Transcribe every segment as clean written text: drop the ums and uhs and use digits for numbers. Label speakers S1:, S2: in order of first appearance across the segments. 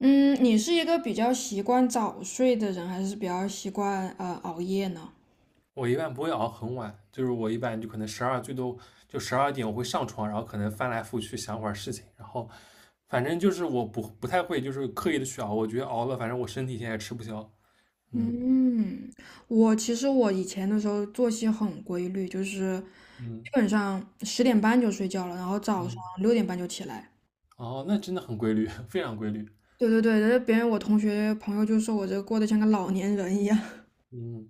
S1: 嗯，你是一个比较习惯早睡的人，还是比较习惯熬夜呢？
S2: 我一般不会熬很晚，就是我一般就可能十二最多就12点我会上床，然后可能翻来覆去想会儿事情，然后反正就是我不太会就是刻意的去熬，我觉得熬了反正我身体现在也吃不消。嗯
S1: 嗯，我其实我以前的时候作息很规律，就是
S2: 嗯
S1: 基本上十点半就睡觉了，然后早上
S2: 嗯。
S1: 六点半就起来。
S2: 哦，那真的很规律，非常规律。
S1: 对对对，别人我同学朋友就说我这过得像个老年人一样，
S2: 嗯，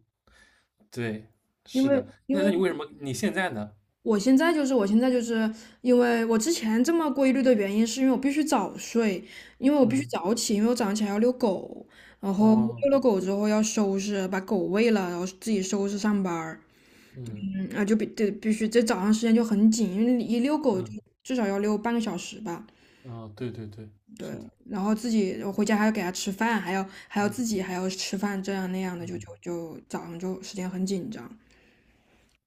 S2: 对，
S1: 因
S2: 是
S1: 为
S2: 的。
S1: 因
S2: 那
S1: 为
S2: 你为什么你现在呢？
S1: 我现在就是因为我之前这么规律的原因，是因为我必须早睡，因为我必须
S2: 嗯。
S1: 早起，因为我早上起来要遛狗，然后
S2: 哦。
S1: 遛了狗之后要收拾，把狗喂了，然后自己收拾上班儿。
S2: 嗯
S1: 嗯啊，就必须这早上时间就很紧，因为你一遛狗就
S2: 嗯。
S1: 至少要遛半个小时吧。
S2: 哦，对对对，是
S1: 对，
S2: 的。
S1: 然后自己我回家还要给它吃饭，还要
S2: 嗯
S1: 自己还要吃饭，这样那样的，就
S2: 嗯，
S1: 就就早上就时间很紧张。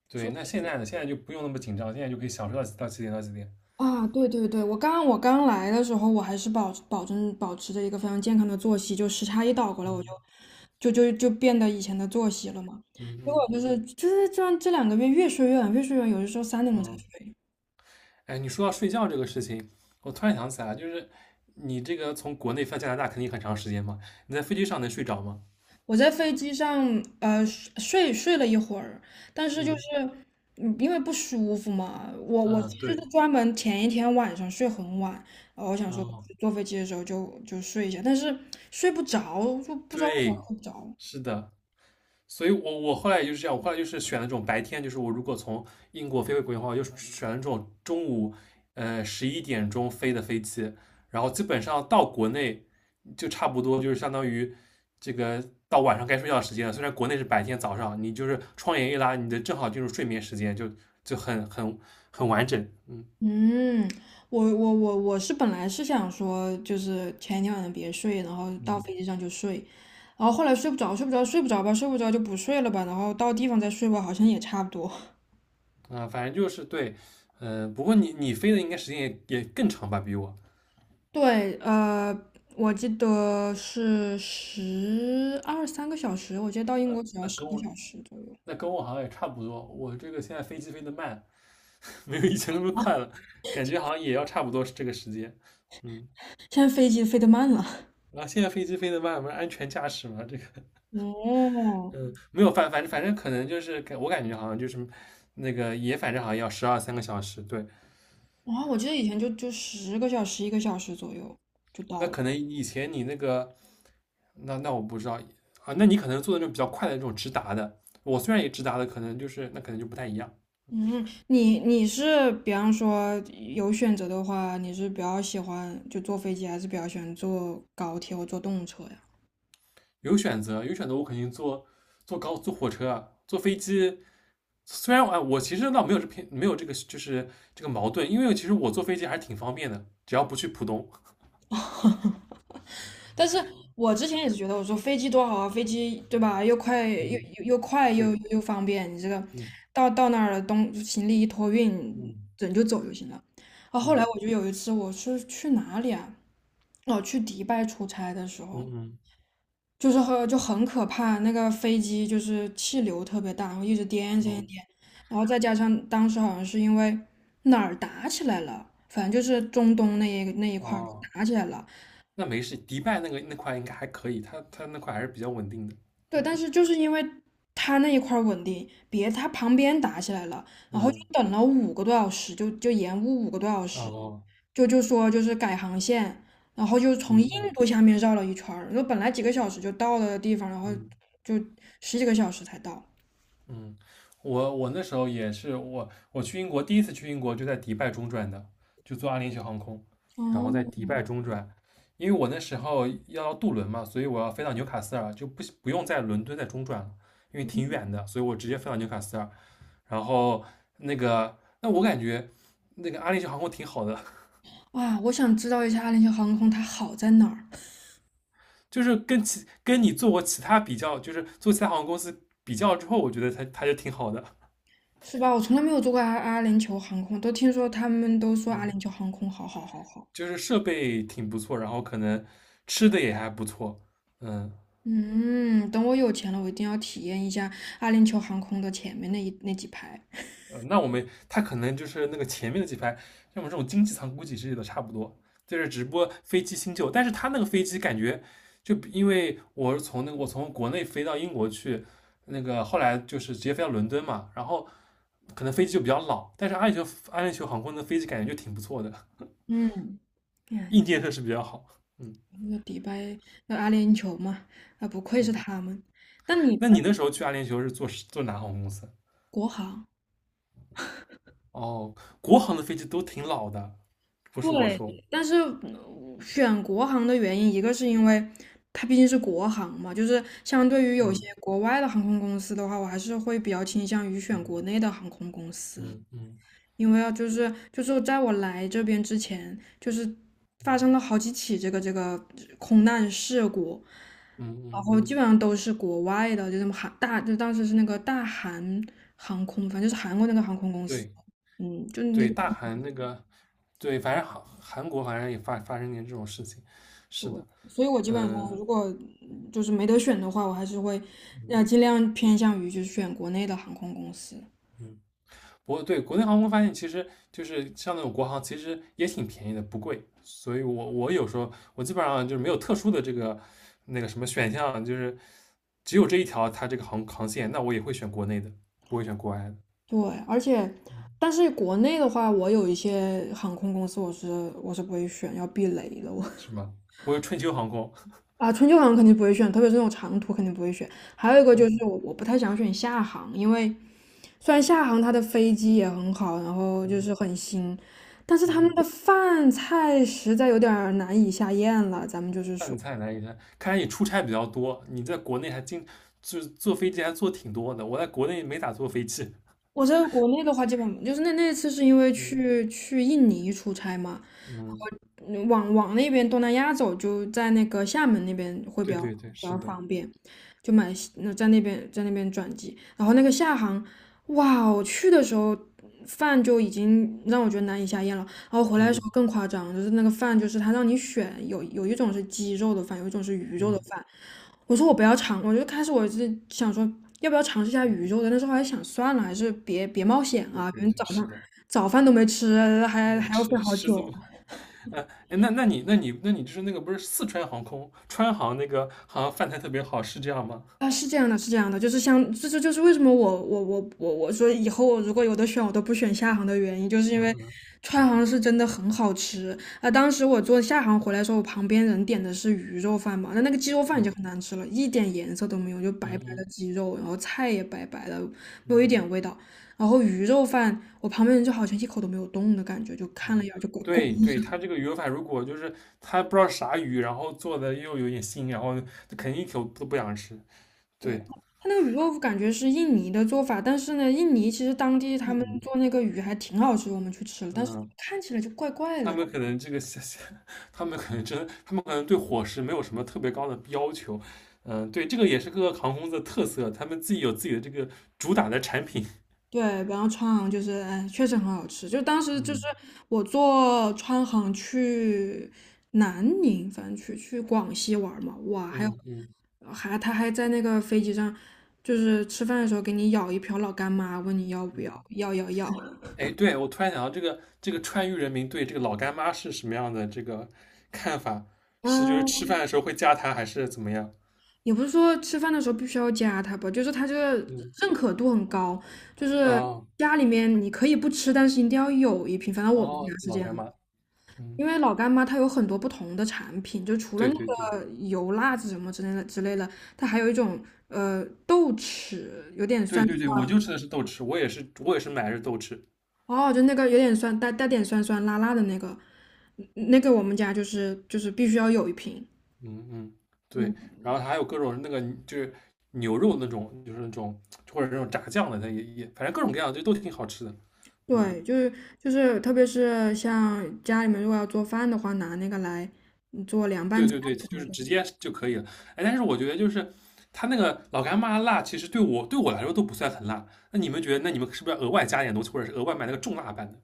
S2: 对，那现在呢？现在就不用那么紧张，现在就可以享受到几点到几点。
S1: 啊，对对对，我刚来的时候，我还是保持着一个非常健康的作息，就时差一倒过来，我
S2: 嗯
S1: 就变得以前的作息了嘛。
S2: 嗯
S1: 结
S2: 嗯
S1: 果就
S2: 嗯。
S1: 是就是这两个月越睡越晚，越睡越晚，有的时候三点钟才
S2: 嗯，
S1: 睡。
S2: 哎，你说到睡觉这个事情，我突然想起来，就是你这个从国内飞到加拿大肯定很长时间嘛，你在飞机上能睡着吗？
S1: 我在飞机上睡了一会儿，但是就是
S2: 嗯
S1: 嗯因为不舒服嘛，我
S2: 嗯，
S1: 其实
S2: 对。
S1: 是专门前一天晚上睡很晚，呃，我想说
S2: 哦，
S1: 坐飞机的时候就睡一下，但是睡不着，就不知道为啥
S2: 对，
S1: 睡不着。
S2: 是的。所以我后来也就是这样，我后来就是选了这种白天，就是我如果从英国飞回国内的话，我就选了这种中午11点钟飞的飞机，然后基本上到国内就差不多就是相当于这个到晚上该睡觉的时间了。虽然国内是白天，早上你就是窗帘一拉，你的正好进入睡眠时间，就很完整。嗯
S1: 嗯，我是本来是想说，就是前一天晚上别睡，然后到飞机上就睡，然后后来睡不着，睡不着，睡不着吧，睡不着就不睡了吧，然后到地方再睡吧，好像也差不多。
S2: 啊，反正就是对。不过你飞的应该时间也更长吧，比我。
S1: 对，呃，我记得是十二三个小时，我记得到英国只要
S2: 那
S1: 十
S2: 跟
S1: 个
S2: 我
S1: 小时左右。
S2: 那跟我好像也差不多。我这个现在飞机飞得慢，没有以前那么快了，感觉好像也要差不多是这个时间。嗯，
S1: 现在飞机飞得慢了。
S2: 然后现在飞机飞得慢，不是安全驾驶嘛？这个
S1: 哦，
S2: 没有反正可能就是我感觉好像就是那个也反正好像要12、13个小时。对。
S1: 然后我记得以前就十个小时、一个小时左右就
S2: 那
S1: 到了。
S2: 可能以前你那个那我不知道啊，那你可能做的那种比较快的那种直达的，我虽然也直达的，可能就是那可能就不太一样。
S1: 嗯，你是比方说有选择的话，你是比较喜欢就坐飞机，还是比较喜欢坐高铁或坐动车呀？
S2: 有选择，有选择，我肯定坐火车啊，坐飞机。虽然我哎我其实倒没有没有这个就是这个矛盾，因为其实我坐飞机还是挺方便的，只要不去浦东。
S1: 但是我之前也是觉得，我说飞机多好啊，飞机对吧？又快
S2: 嗯，
S1: 又
S2: 对。
S1: 又方便，你这个
S2: 嗯
S1: 到那儿了，东行李一托运，
S2: 嗯
S1: 人就走就行了。啊，后来
S2: 嗯
S1: 我就有一次我是去哪里啊？哦，去迪拜出差的时
S2: 嗯
S1: 候，
S2: 嗯
S1: 就是很可怕，那个飞机就是气流特别大，然后一直
S2: 嗯。
S1: 颠，然后再加上当时好像是因为哪儿打起来了，反正就是中东那一块儿
S2: 哦，
S1: 打起来了。
S2: 那没事，迪拜那个那块应该还可以，它那块还是比较稳定的。
S1: 对，但是就是因为它那一块儿稳定，别它旁边打起来了，然后就
S2: 嗯。
S1: 等了五个多小时，就延误五个多小时，
S2: 哦。
S1: 就是改航线，然后就
S2: 嗯
S1: 从印
S2: 嗯
S1: 度下面绕了一圈儿，就本来几个小时就到了的地方，然后
S2: 嗯
S1: 就十几个小时才到。
S2: 嗯，我那时候也是我去英国第一次去英国就在迪拜中转的，就坐阿联酋航空，然后在
S1: 哦，
S2: 迪拜中转，因为我那时候要渡轮嘛，所以我要飞到纽卡斯尔，就不用在伦敦再中转了，因为挺远的，所以我直接飞到纽卡斯尔。然后那个，那我感觉那个阿联酋航空挺好的。
S1: 哇，我想知道一下阿联酋航空它好在哪儿。
S2: 就是跟你做过其他比较，就是做其他航空公司比较之后，我觉得它就挺好的。
S1: 是吧？我从来没有坐过阿联酋航空，都听说他们都说阿联酋航空好好好好。
S2: 就是设备挺不错，然后可能吃的也还不错。嗯。
S1: 嗯，等我有钱了，我一定要体验一下阿联酋航空的前面那几排。
S2: 呃，那我们他可能就是那个前面的几排，像我们这种经济舱估计是的差不多，就是直播飞机新旧，但是他那个飞机感觉就因为我是从那个我从国内飞到英国去，那个后来就是直接飞到伦敦嘛，然后可能飞机就比较老，但是阿联酋航空的飞机感觉就挺不错的，
S1: 嗯，哎，
S2: 硬件设施比较好。嗯
S1: 那个迪拜，那阿联酋嘛，啊，不愧是
S2: 嗯。
S1: 他们。那你
S2: 那你那时候去阿联酋是坐哪航空公司？
S1: 国航。
S2: 哦，国航的飞机都挺老的，不是我
S1: 对，
S2: 说。
S1: 但是嗯选国航的原因，一个是因为它毕竟是国航嘛，就是相对于有些
S2: 嗯
S1: 国外的航空公司的话，我还是会比较倾向于选国内的航空公司，
S2: 嗯嗯
S1: 因为啊，就是在我来这边之前，就是发生了好几起这个空难事故，
S2: 嗯
S1: 然
S2: 嗯
S1: 后
S2: 嗯。
S1: 基本上都是国外的，就什么韩大，就当时是那个大韩航空，反正就是韩国那个航空公司，
S2: 对
S1: 嗯，就那。
S2: 对，大韩那个，对，反正韩国好像也发生点这种事情，是的。
S1: 所以我基本上
S2: 嗯
S1: 如果就是没得选的话，我还是会要尽量偏向于就是选国内的航空公司。
S2: 嗯，不过对国内航空发现，其实就是像那种国航，其实也挺便宜的，不贵。所以我有时候我基本上就是没有特殊的这个那个什么选项，就是只有这一条它这个航线，那我也会选国内的，不会选国外的。
S1: 对，而且
S2: 嗯，
S1: 但是国内的话，我有一些航空公司我是不会选，要避雷的我。
S2: 是吗？不会春秋航空。
S1: 啊，春秋航肯定不会选，特别是那种长途肯定不会选。还有一个就
S2: 嗯
S1: 是我不太想选厦航，因为虽然厦航它的飞机也很好，然后就
S2: 嗯
S1: 是很新，但是他
S2: 嗯。
S1: 们的饭菜实在有点儿难以下咽了。咱们就是说。
S2: 饭菜难一下，看来你出差比较多，你在国内还就是坐飞机还坐挺多的，我在国内没咋坐飞机。
S1: 我在国内的话，基本就是那那次是因为
S2: 嗯
S1: 去印尼出差嘛，
S2: 嗯，
S1: 然后往那边东南亚走，就在那个厦门那边会比
S2: 对
S1: 较
S2: 对对，
S1: 比
S2: 是
S1: 较
S2: 的。
S1: 方便，就买那在那边转机，然后那个厦航，哇哦，我去的时候饭就已经让我觉得难以下咽了，然后回来的时
S2: 嗯
S1: 候更夸张，就是那个饭就是他让你选，有一种是鸡肉的饭，有一种是鱼肉的
S2: 嗯，
S1: 饭。我说我不要尝，我就开始我是想说要不要尝试一下鱼肉的，但是后来想算了，还是别冒险
S2: 对
S1: 啊，
S2: 对
S1: 反正
S2: 对，
S1: 早
S2: 是
S1: 上
S2: 的。
S1: 早饭都没吃，
S2: 嗯
S1: 还要
S2: 吃
S1: 睡好
S2: 是这
S1: 久。
S2: 么 呃，哎，那就是那个不是四川航空川航那个好像饭菜特别好，是这样吗？
S1: 啊，是这样的，是这样的，就是像这就是为什么我我说以后我如果有的选我都不选厦航的原因，就是因为
S2: 嗯
S1: 川航是真的很好吃啊。当时我坐厦航回来的时候，我旁边人点的是鱼肉饭嘛，那个鸡肉饭已经很
S2: 嗯
S1: 难吃了，一点颜色都没有，就白白
S2: 嗯
S1: 的
S2: 嗯
S1: 鸡肉，然后菜也白白的，没有一
S2: 嗯。
S1: 点味道。然后鱼肉饭，我旁边人就好像一口都没有动的感觉，就看了
S2: 哦，
S1: 一眼就滚滚。
S2: 对对，它这个鱼法饭如果就是它不知道啥鱼，然后做的又有点腥，然后就肯定一口都不想吃。对。
S1: 它那个鱼豆腐感觉是印尼的做法，但是呢，印尼其实当地他
S2: 印
S1: 们
S2: 尼
S1: 做那个鱼还挺好吃，我们去吃了，但是
S2: 嗯，
S1: 看起来就怪怪
S2: 他
S1: 的。
S2: 们可能这个 他们可能真，他们可能对伙食没有什么特别高的要求。嗯，对，这个也是各个航空公司的特色，他们自己有自己的这个主打的产品。
S1: 对，然后川航就是，哎，确实很好吃。就当时就是
S2: 嗯
S1: 我坐川航去南宁，反正去广西玩儿嘛，哇，还有
S2: 嗯嗯
S1: 还他还在那个飞机上，就是吃饭的时候给你舀一瓢老干妈，问你要不要，
S2: 嗯。
S1: 要要要。
S2: 哎，对，我突然想到这个这个川渝人民对这个老干妈是什么样的这个看法？是就是
S1: 啊，
S2: 吃饭的时候会加它，还是怎么样？
S1: 也不是说吃饭的时候必须要加它吧，就是它这个
S2: 嗯。
S1: 认可度很高，就是
S2: 啊，
S1: 家里面你可以不吃，但是一定要有一瓶。反正我们家
S2: 哦，
S1: 是
S2: 老
S1: 这样
S2: 干
S1: 的。
S2: 妈。嗯，
S1: 因为老干妈它有很多不同的产品，就除了
S2: 对
S1: 那
S2: 对对
S1: 个油辣子什么之类的，它还有一种豆豉，有点
S2: 对
S1: 酸
S2: 对对，我
S1: 酸。
S2: 就吃的是豆豉，我也是买的是豆豉。
S1: 哦，就那个有点酸，带点酸酸辣辣的那个，嗯那个我们家就是必须要有一瓶。
S2: 嗯嗯，对，然后它还有各种那个就是牛肉那种，就是那种或者那种炸酱的，它也反正各种各样就都挺好吃的。嗯，
S1: 对，就是，特别是像家里面如果要做饭的话，拿那个来嗯做凉拌
S2: 对
S1: 菜
S2: 对对，
S1: 什
S2: 就
S1: 么
S2: 是
S1: 的。
S2: 直接就可以了。哎，但是我觉得就是它那个老干妈辣，其实对我来说都不算很辣，那你们觉得那你们是不是要额外加点东西，或者是额外买那个重辣版的？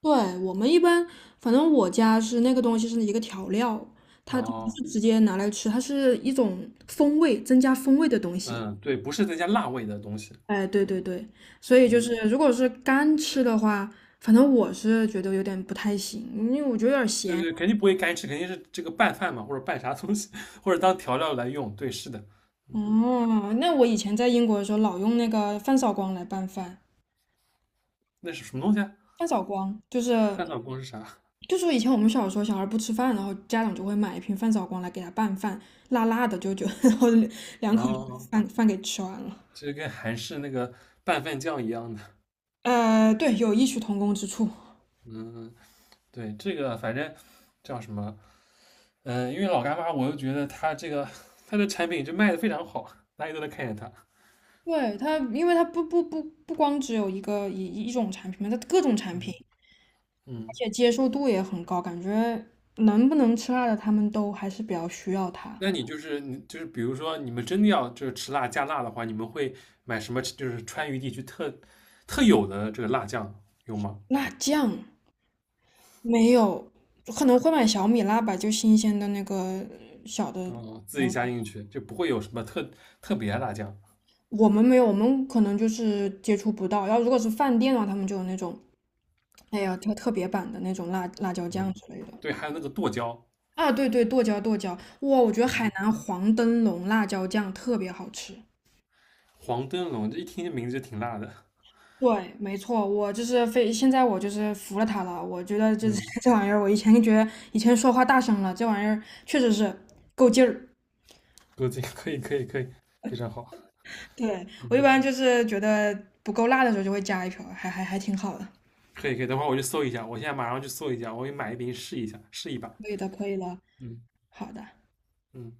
S1: 对，我们一般，反正我家是那个东西是一个调料，它就不
S2: 哦。
S1: 是直接拿来吃，它是一种风味，增加风味的东西。
S2: 嗯，对，不是再加辣味的东西。
S1: 哎，对对对，所以就是
S2: 嗯。
S1: 如果是干吃的话，反正我是觉得有点不太行，因为我觉得有点
S2: 对
S1: 咸。
S2: 对，肯定不会干吃，肯定是这个拌饭嘛，或者拌啥东西，或者当调料来用。对，是的。嗯，
S1: 哦，那我以前在英国的时候老用那个饭扫光来拌饭。
S2: 那是什么东西啊？
S1: 饭扫光就是
S2: 拌饭锅是啥？
S1: 就说以前我们小时候小孩不吃饭，然后家长就会买一瓶饭扫光来给他拌饭，辣辣的，就 然后两口
S2: 哦，
S1: 饭给吃完了。
S2: 这跟韩式那个拌饭酱一样的。
S1: 呃，对，有异曲同工之处。
S2: 嗯，对，这个反正叫什么？嗯，因为老干妈，我就觉得它这个它的产品就卖的非常好，大家都在看见它。
S1: 对它，因为它不光只有一种产品嘛，它各种产
S2: 嗯
S1: 品，而
S2: 嗯，
S1: 且接受度也很高，感觉能不能吃辣的他们都还是比较需要它。
S2: 那你就是你就是，比如说你们真的要就是吃辣加辣的话，你们会买什么？就是川渝地区特有的这个辣酱有吗？
S1: 辣酱没有，可能会买小米辣吧，就新鲜的那个小的。
S2: 嗯，自己
S1: 嗯
S2: 加进去就不会有什么特别的辣酱。
S1: 我们没有，我们可能就是接触不到。然后如果是饭店的话，他们就有那种，哎呀，特别版的那种辣椒酱
S2: 嗯，
S1: 之类的。
S2: 对，还有那个剁椒。
S1: 啊，对对，剁椒，哇，我觉得海
S2: 嗯，
S1: 南黄灯笼辣椒酱特别好吃。
S2: 黄灯笼，这一听这名字就挺辣的。
S1: 对，没错，我就是非现在我就是服了它了。我觉得就是
S2: 嗯，
S1: 这玩意儿，我以前觉得以前说话大声了，这玩意儿确实是够劲儿。
S2: 够劲，可以，可以，可以，非常好。
S1: 对，我一
S2: 嗯，
S1: 般就是觉得不够辣的时候就会加一瓢，还挺好的。
S2: 可以，可以，等会儿我去搜一下，我现在马上去搜一下，我去买一瓶试一下，试一把。
S1: 可以的，可以的，
S2: 嗯
S1: 好的。
S2: 嗯，